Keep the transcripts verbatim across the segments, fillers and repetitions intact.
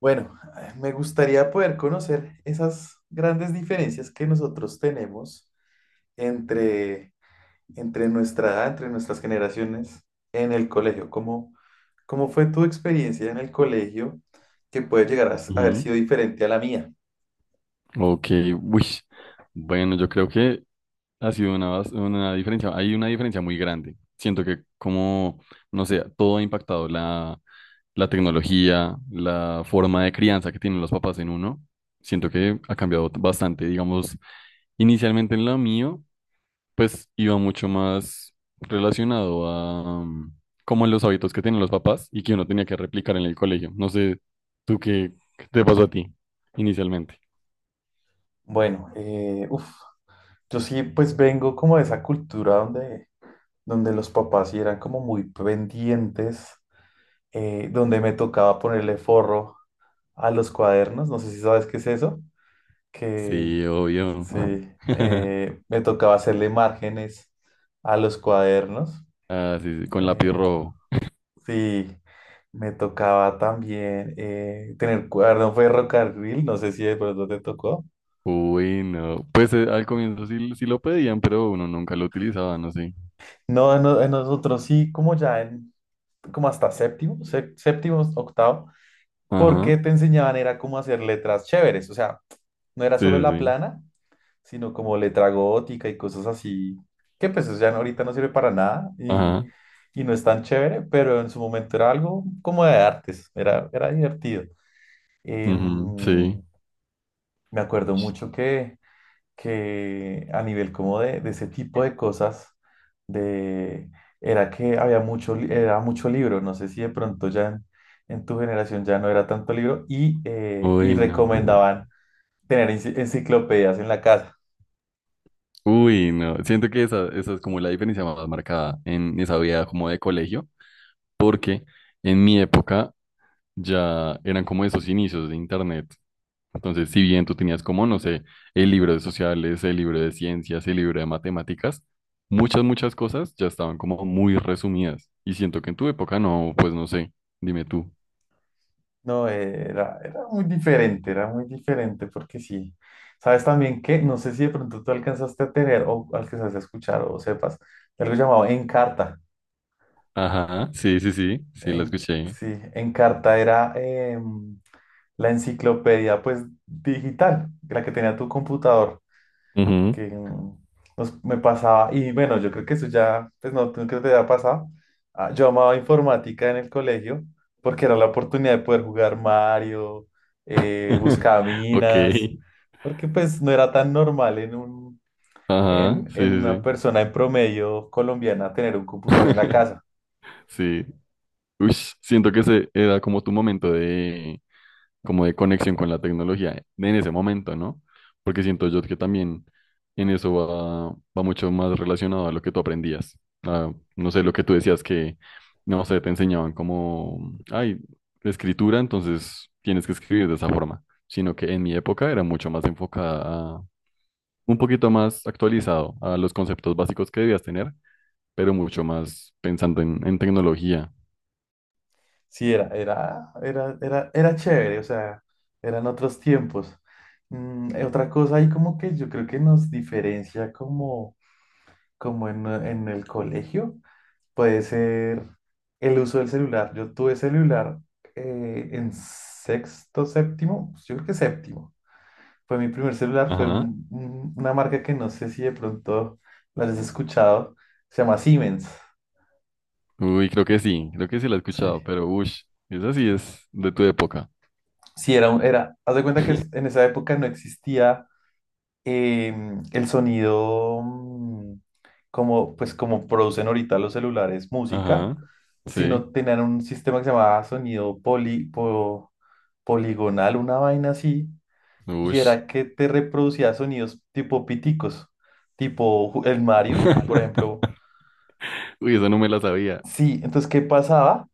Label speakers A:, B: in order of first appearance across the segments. A: Bueno, eh, me gustaría poder conocer esas grandes diferencias que nosotros tenemos entre, entre nuestra edad, entre nuestras generaciones en el colegio. ¿Cómo, cómo fue tu experiencia en el colegio que puede llegar a s- haber
B: Ujú.
A: sido diferente a la mía?
B: Ok. Uy, bueno, yo creo que ha sido una, bas- una diferencia, hay una diferencia muy grande. Siento que como, no sé, todo ha impactado la, la tecnología, la forma de crianza que tienen los papás en uno. Siento que ha cambiado bastante, digamos, inicialmente en lo mío, pues iba mucho más relacionado a mm, como los hábitos que tienen los papás y que uno tenía que replicar en el colegio. No sé, tú qué, qué te pasó a ti inicialmente.
A: Bueno, eh, uf, yo sí pues vengo como de esa cultura donde, donde los papás sí eran como muy pendientes, eh, donde me tocaba ponerle forro a los cuadernos, no sé si sabes qué es eso. que,
B: Sí, obvio.
A: Sí, eh, me tocaba hacerle márgenes a los cuadernos.
B: Ah, sí, sí, con lápiz
A: eh,
B: rojo.
A: sí, me tocaba también eh, tener cuaderno ferrocarril, no sé si de pronto te tocó.
B: Uy, no. Pues eh, al comienzo sí, sí lo pedían, pero uno nunca lo utilizaba, no sé.
A: No, en, no- en nosotros sí, como ya en, como hasta séptimo, sé- séptimo, octavo,
B: Ajá.
A: porque te enseñaban era cómo hacer letras chéveres, o sea, no era
B: Sí,
A: solo
B: sí,
A: la
B: sí.
A: plana, sino como letra gótica y cosas así, que pues eso ya no- ahorita no sirve para nada y,
B: Ajá.
A: y no es tan chévere, pero en su momento era algo como de artes, era, era divertido.
B: Ujú.
A: Em,
B: Sí.
A: Me acuerdo mucho que, que a nivel como de, de ese tipo de cosas, de, era que había mucho, li- era mucho libro, no sé si de pronto ya en, en tu generación ya no era tanto libro y, eh, y
B: Uy, no.
A: recomendaban tener enci- enciclopedias en la casa.
B: Uy, no. Siento que esa, esa es como la diferencia más marcada en esa vida como de colegio, porque en mi época ya eran como esos inicios de internet. Entonces, si bien tú tenías como, no sé, el libro de sociales, el libro de ciencias, el libro de matemáticas, muchas, muchas cosas ya estaban como muy resumidas. Y siento que en tu época no, pues no sé, dime tú.
A: No, eh, era, era muy diferente, era muy diferente porque sí. Sabes también que, no sé si de pronto tú alcanzaste a tener o alcanzaste a escuchar o sepas, de algo llamado Encarta.
B: Ajá, sí, sí, sí, sí, la
A: En,
B: escuché.
A: sí, Encarta era em, la enciclopedia pues digital, la que tenía tu computador.
B: Ujú.
A: Que mm, nos, me pasaba, y bueno, yo creo que eso ya, pues no, tú creo que te haya pasado. Ah, yo amaba informática en el colegio porque era la oportunidad de poder jugar Mario, eh,
B: Ok,
A: buscaminas, porque pues no era tan normal en un,
B: ajá,
A: en,
B: sí,
A: en
B: sí,
A: una
B: sí.
A: persona en promedio colombiana tener un computador en la casa.
B: Sí. Ush, siento que ese era como tu momento de, como de conexión con la tecnología en ese momento, ¿no? Porque siento yo que también en eso va, va mucho más relacionado a lo que tú aprendías. A, no sé, lo que tú decías que, no sé, te enseñaban como, ay, escritura, entonces tienes que escribir de esa forma, sino que en mi época era mucho más enfocada a, un poquito más actualizado a los conceptos básicos que debías tener, pero mucho más pensando en, en tecnología.
A: Sí, era, era, era, era, era chévere, o sea, eran otros tiempos. Mm, eh, otra cosa ahí como que yo creo que nos diferencia como como en, en el colegio, puede ser el uso del celular. Yo tuve celular eh, en sexto, séptimo, yo creo que séptimo. Fue mi primer celular, fue
B: Ajá.
A: un- un- una marca que no sé si de pronto la has escuchado, se llama Siemens.
B: Uy, creo que sí, creo que sí la he escuchado,
A: Sí.
B: pero ush, esa sí es de tu época.
A: Sí, era, un- era, haz de cuenta que en esa época no existía em, el sonido, mm, como, pues como producen ahorita los celulares música,
B: Ajá, sí,
A: sino tenían un sistema que se llamaba sonido poli- po- poligonal, una vaina así, y
B: ush.
A: era que te reproducía sonidos tipo piticos, tipo ju- el Mario, por ejemplo.
B: Uy, esa no me la sabía.
A: Sí, entonces, ¿qué pasaba?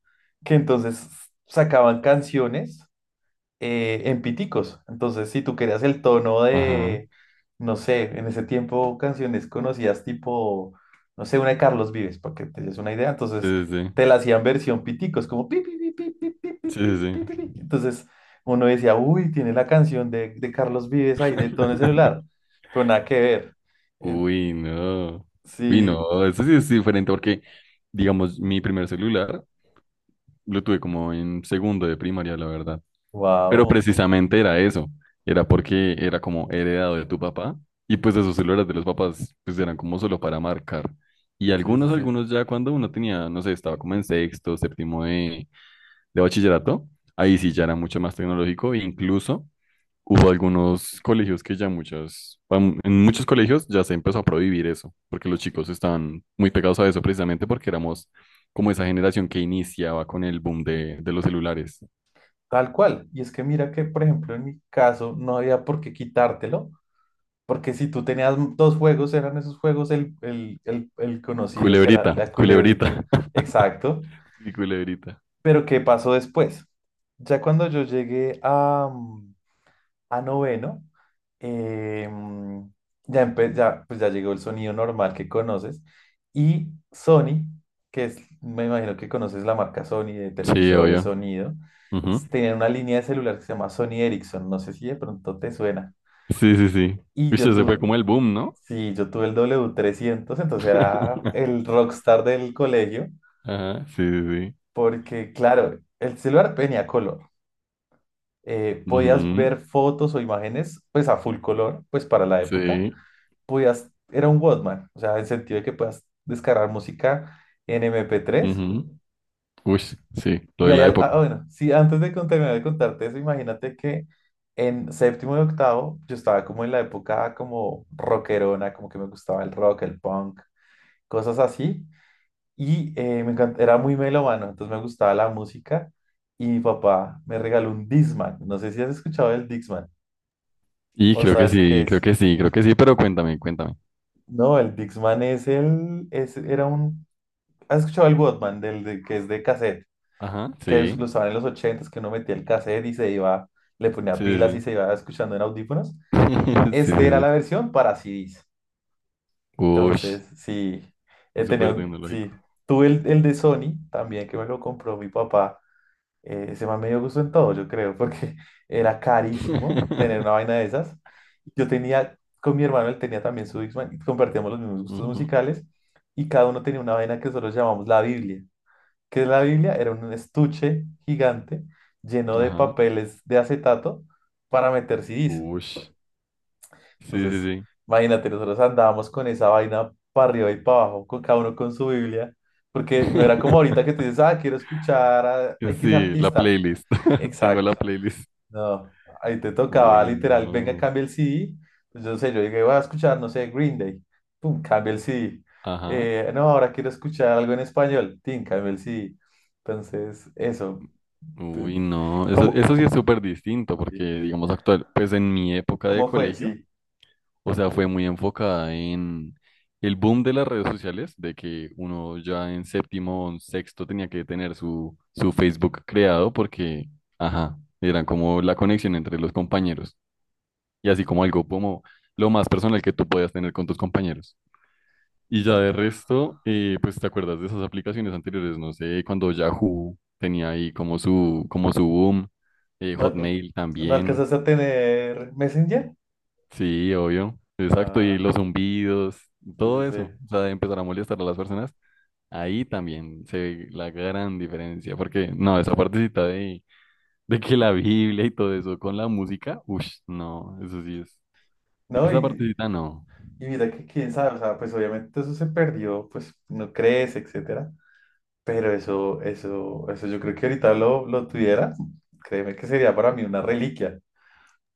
A: Que entonces sacaban canciones eh, en piticos. Entonces, si tú querías el tono
B: Ajá,
A: de, no sé, en ese tiempo canciones conocidas tipo, no sé, una de Carlos Vives, para que te des una idea, entonces
B: sí, sí,
A: te la hacían versión piticos, como pi, pi, pi, pi, pi, pi, pi,
B: sí,
A: pi,
B: sí,
A: pi, pi, pi.
B: sí.
A: Entonces uno decía, uy, tiene la canción de, de Carlos Vives ahí de tono de celular,
B: Sí.
A: pero nada que ver. Eh,
B: Uy, no. Uy,
A: sí,
B: no, eso sí es diferente porque, digamos, mi primer celular lo tuve como en segundo de primaria, la verdad. Pero
A: wow,
B: precisamente era eso, era porque era como heredado de tu papá y pues esos celulares de los papás pues eran como solo para marcar. Y
A: sí, sí,
B: algunos,
A: sí.
B: algunos ya cuando uno tenía, no sé, estaba como en sexto, séptimo de, de bachillerato, ahí sí ya era mucho más tecnológico e incluso hubo algunos colegios que ya muchas, pam- en muchos colegios ya se empezó a prohibir eso, porque los chicos estaban muy pegados a eso precisamente porque éramos como esa generación que iniciaba con el boom de, de los celulares.
A: Tal cual. Y es que mira que, por ejemplo, en mi caso no había por qué quitártelo, porque si tú tenías dos juegos, eran esos juegos el, el, el, el conocido que era
B: Culebrita,
A: la
B: culebrita.
A: culebrita. Exacto.
B: Y culebrita.
A: Pero ¿qué pasó después? Ya cuando yo llegué a, mm, a noveno, eh, mm, ya, empe- ya, pues ya llegó el sonido normal que conoces. Y Sony, que es, me imagino que conoces la marca Sony de
B: Sí,
A: televisores,
B: obvio.
A: sonido,
B: Ujú.
A: s- tenía una línea de celular que se llama Sony Ericsson. No sé si de pronto te suena.
B: Sí, sí, sí.
A: Y yo
B: Viste, se fue
A: tuve,
B: como el boom, ¿no?
A: Sí, yo tuve el w trescientos, entonces era el rockstar del colegio,
B: Ajá, sí, sí, sí.
A: porque claro, el celular tenía color. Eh, podías ver
B: Ujú.
A: fotos o imágenes pues a full color, pues para la época.
B: Sí.
A: Podías, era un Walkman, o sea, en el sentido de que puedas descargar música en mp tres.
B: Ujú. Uy, sí, lo
A: Y
B: de
A: ahí,
B: la
A: al-
B: época.
A: ah, bueno, sí, antes de con- terminar de contarte eso, imagínate que en séptimo y octavo yo estaba como en la época como rockerona, como que me gustaba el rock, el punk, cosas así. Y eh, me encanta, era muy melómano, entonces me gustaba la música. Y mi papá me regaló un Discman. No sé si has escuchado el Discman
B: Y
A: o
B: creo que
A: sabes qué
B: sí, creo
A: es.
B: que sí, creo que sí, pero cuéntame, cuéntame.
A: No, el Discman es el, es, era un, ¿Has escuchado el Walkman del de- que es de cassette?
B: Ajá,
A: Que es-
B: sí,
A: lo usaban en los ochentas, que uno metía el cassette y se iba, le ponía
B: sí, sí,
A: pilas y
B: sí.
A: se iba escuchando en audífonos.
B: Sí, sí,
A: Este era
B: sí.
A: la versión para C Ds.
B: Uy,
A: Entonces, sí, eh, tenía
B: súper
A: un,
B: tecnológico.
A: sí, tuve el, el de Sony también que me lo compró mi papá. Eh, ese man me dio gusto en todo, yo creo, porque era carísimo tener una vaina de esas. Yo tenía, con mi hermano, él tenía también su Discman, y compartíamos los mismos gustos
B: Ujú.
A: musicales, y cada uno tenía una vaina que nosotros llamamos la Biblia. ¿Qué es la Biblia? Era un estuche gigante lleno de
B: Ajá.
A: papeles de acetato para meter C Ds.
B: Uy, sí, sí,
A: Entonces,
B: sí.
A: imagínate, nosotros andábamos con esa vaina para arriba y para abajo, con cada uno con su Biblia, porque no era como ahorita que te dices, ah, quiero escuchar a X
B: Sí, la
A: artista.
B: playlist. Tengo la
A: Exacto.
B: playlist.
A: No, ahí te tocaba
B: Uy,
A: literal, venga,
B: no.
A: cambia el C D. Pues yo no sé, yo llegué voy a escuchar, no sé, Green Day. Pum, cambia el C D.
B: Ajá.
A: Eh, no, ahora quiero escuchar algo en español. Tin, cambia el C D. Entonces, eso. Te-
B: Uy, no, eso,
A: ¿Cómo,
B: eso sí es súper distinto porque, digamos, actual, pues en mi época de
A: cómo fue?
B: colegio,
A: Sí.
B: o sea, fue muy enfocada en el boom de las redes sociales, de que uno ya en séptimo o en sexto tenía que tener su, su Facebook creado porque, ajá, eran como la conexión entre los compañeros y así como algo como lo más personal que tú podías tener con tus compañeros. Y ya de resto, eh, pues te acuerdas de esas aplicaciones anteriores, no sé, cuando Yahoo tenía ahí como su, como su boom, eh,
A: ¿No,
B: Hotmail
A: no
B: también,
A: alcanzaste a tener Messenger?
B: sí, obvio, exacto, y
A: Ah,
B: los zumbidos,
A: sí, sí,
B: todo
A: sí.
B: eso, o sea, de empezar a molestar a las personas, ahí también se ve la gran diferencia, porque no, esa partecita de, de que la Biblia y todo eso con la música, uff, no, eso sí es,
A: No,
B: esa
A: y,
B: partecita no.
A: y mira que quién sabe, o sea, pues obviamente eso se perdió, pues no crees, etcétera. Pero eso, eso, eso yo creo que ahorita lo, lo tuviera, créeme que sería para mí una reliquia,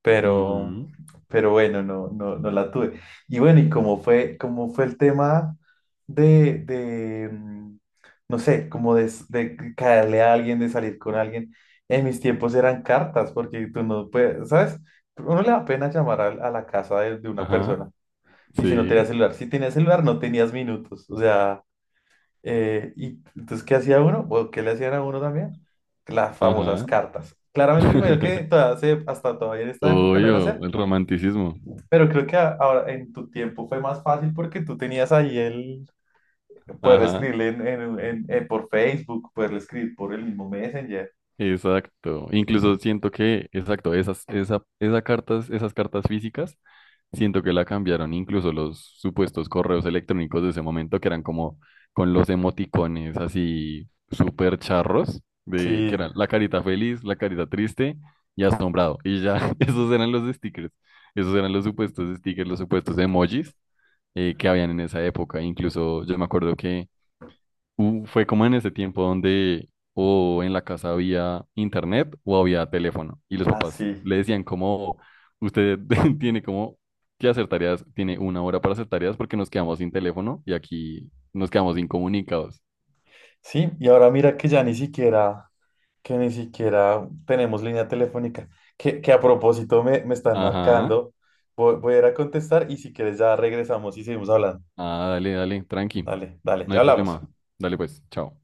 A: pero,
B: Ujú.
A: pero bueno, no, no, no la tuve. Y bueno, ¿y cómo fue, cómo fue el tema de, de, mm, no sé, como de, s- de caerle a alguien, de salir con alguien? En mis tiempos eran cartas, porque tú no puedes, ¿sabes? Uno le da pena llamar a, a la casa de, de una
B: Ajá,
A: persona. Y si no tenía
B: sí,
A: celular, si tenías celular no tenías minutos, o sea. Eh, y entonces, ¿qué hacía uno? ¿O qué le hacían a uno también? Las famosas
B: ajá.
A: cartas. Claramente, primero que todavía se- hasta todavía en esta época lo van a
B: Obvio,
A: hacer,
B: el romanticismo.
A: pero creo que a- ahora en tu tiempo fue más fácil porque tú tenías ahí el poder
B: Ajá,
A: escribirle en, en- en- en- por Facebook, poder escribir por el mismo Messenger.
B: exacto. Incluso siento que, exacto, esas, esa, esa cartas, esas cartas físicas, siento que la cambiaron incluso los supuestos correos electrónicos de ese momento, que eran como con los emoticones así súper charros, de, que
A: Sí,
B: eran la carita feliz, la carita triste y asombrado. Y ya, esos eran los stickers. Esos eran los supuestos stickers, los supuestos emojis eh, que habían en esa época. Incluso yo me acuerdo que u- fue como en ese tiempo donde o en la casa había internet o había teléfono y los papás
A: así.
B: le decían como usted tiene como que hacer tareas, tiene una hora para hacer tareas porque nos quedamos sin teléfono y aquí nos quedamos incomunicados.
A: Sí, y ahora mira que ya ni siquiera, que ni siquiera tenemos línea telefónica, que, que a propósito me, me están
B: Ajá.
A: marcando. Voy, voy a ir a contestar y si quieres ya regresamos y seguimos hablando.
B: Ah, dale, dale, tranqui.
A: Dale, dale,
B: No
A: ya
B: hay
A: hablamos.
B: problema. Dale pues, chao.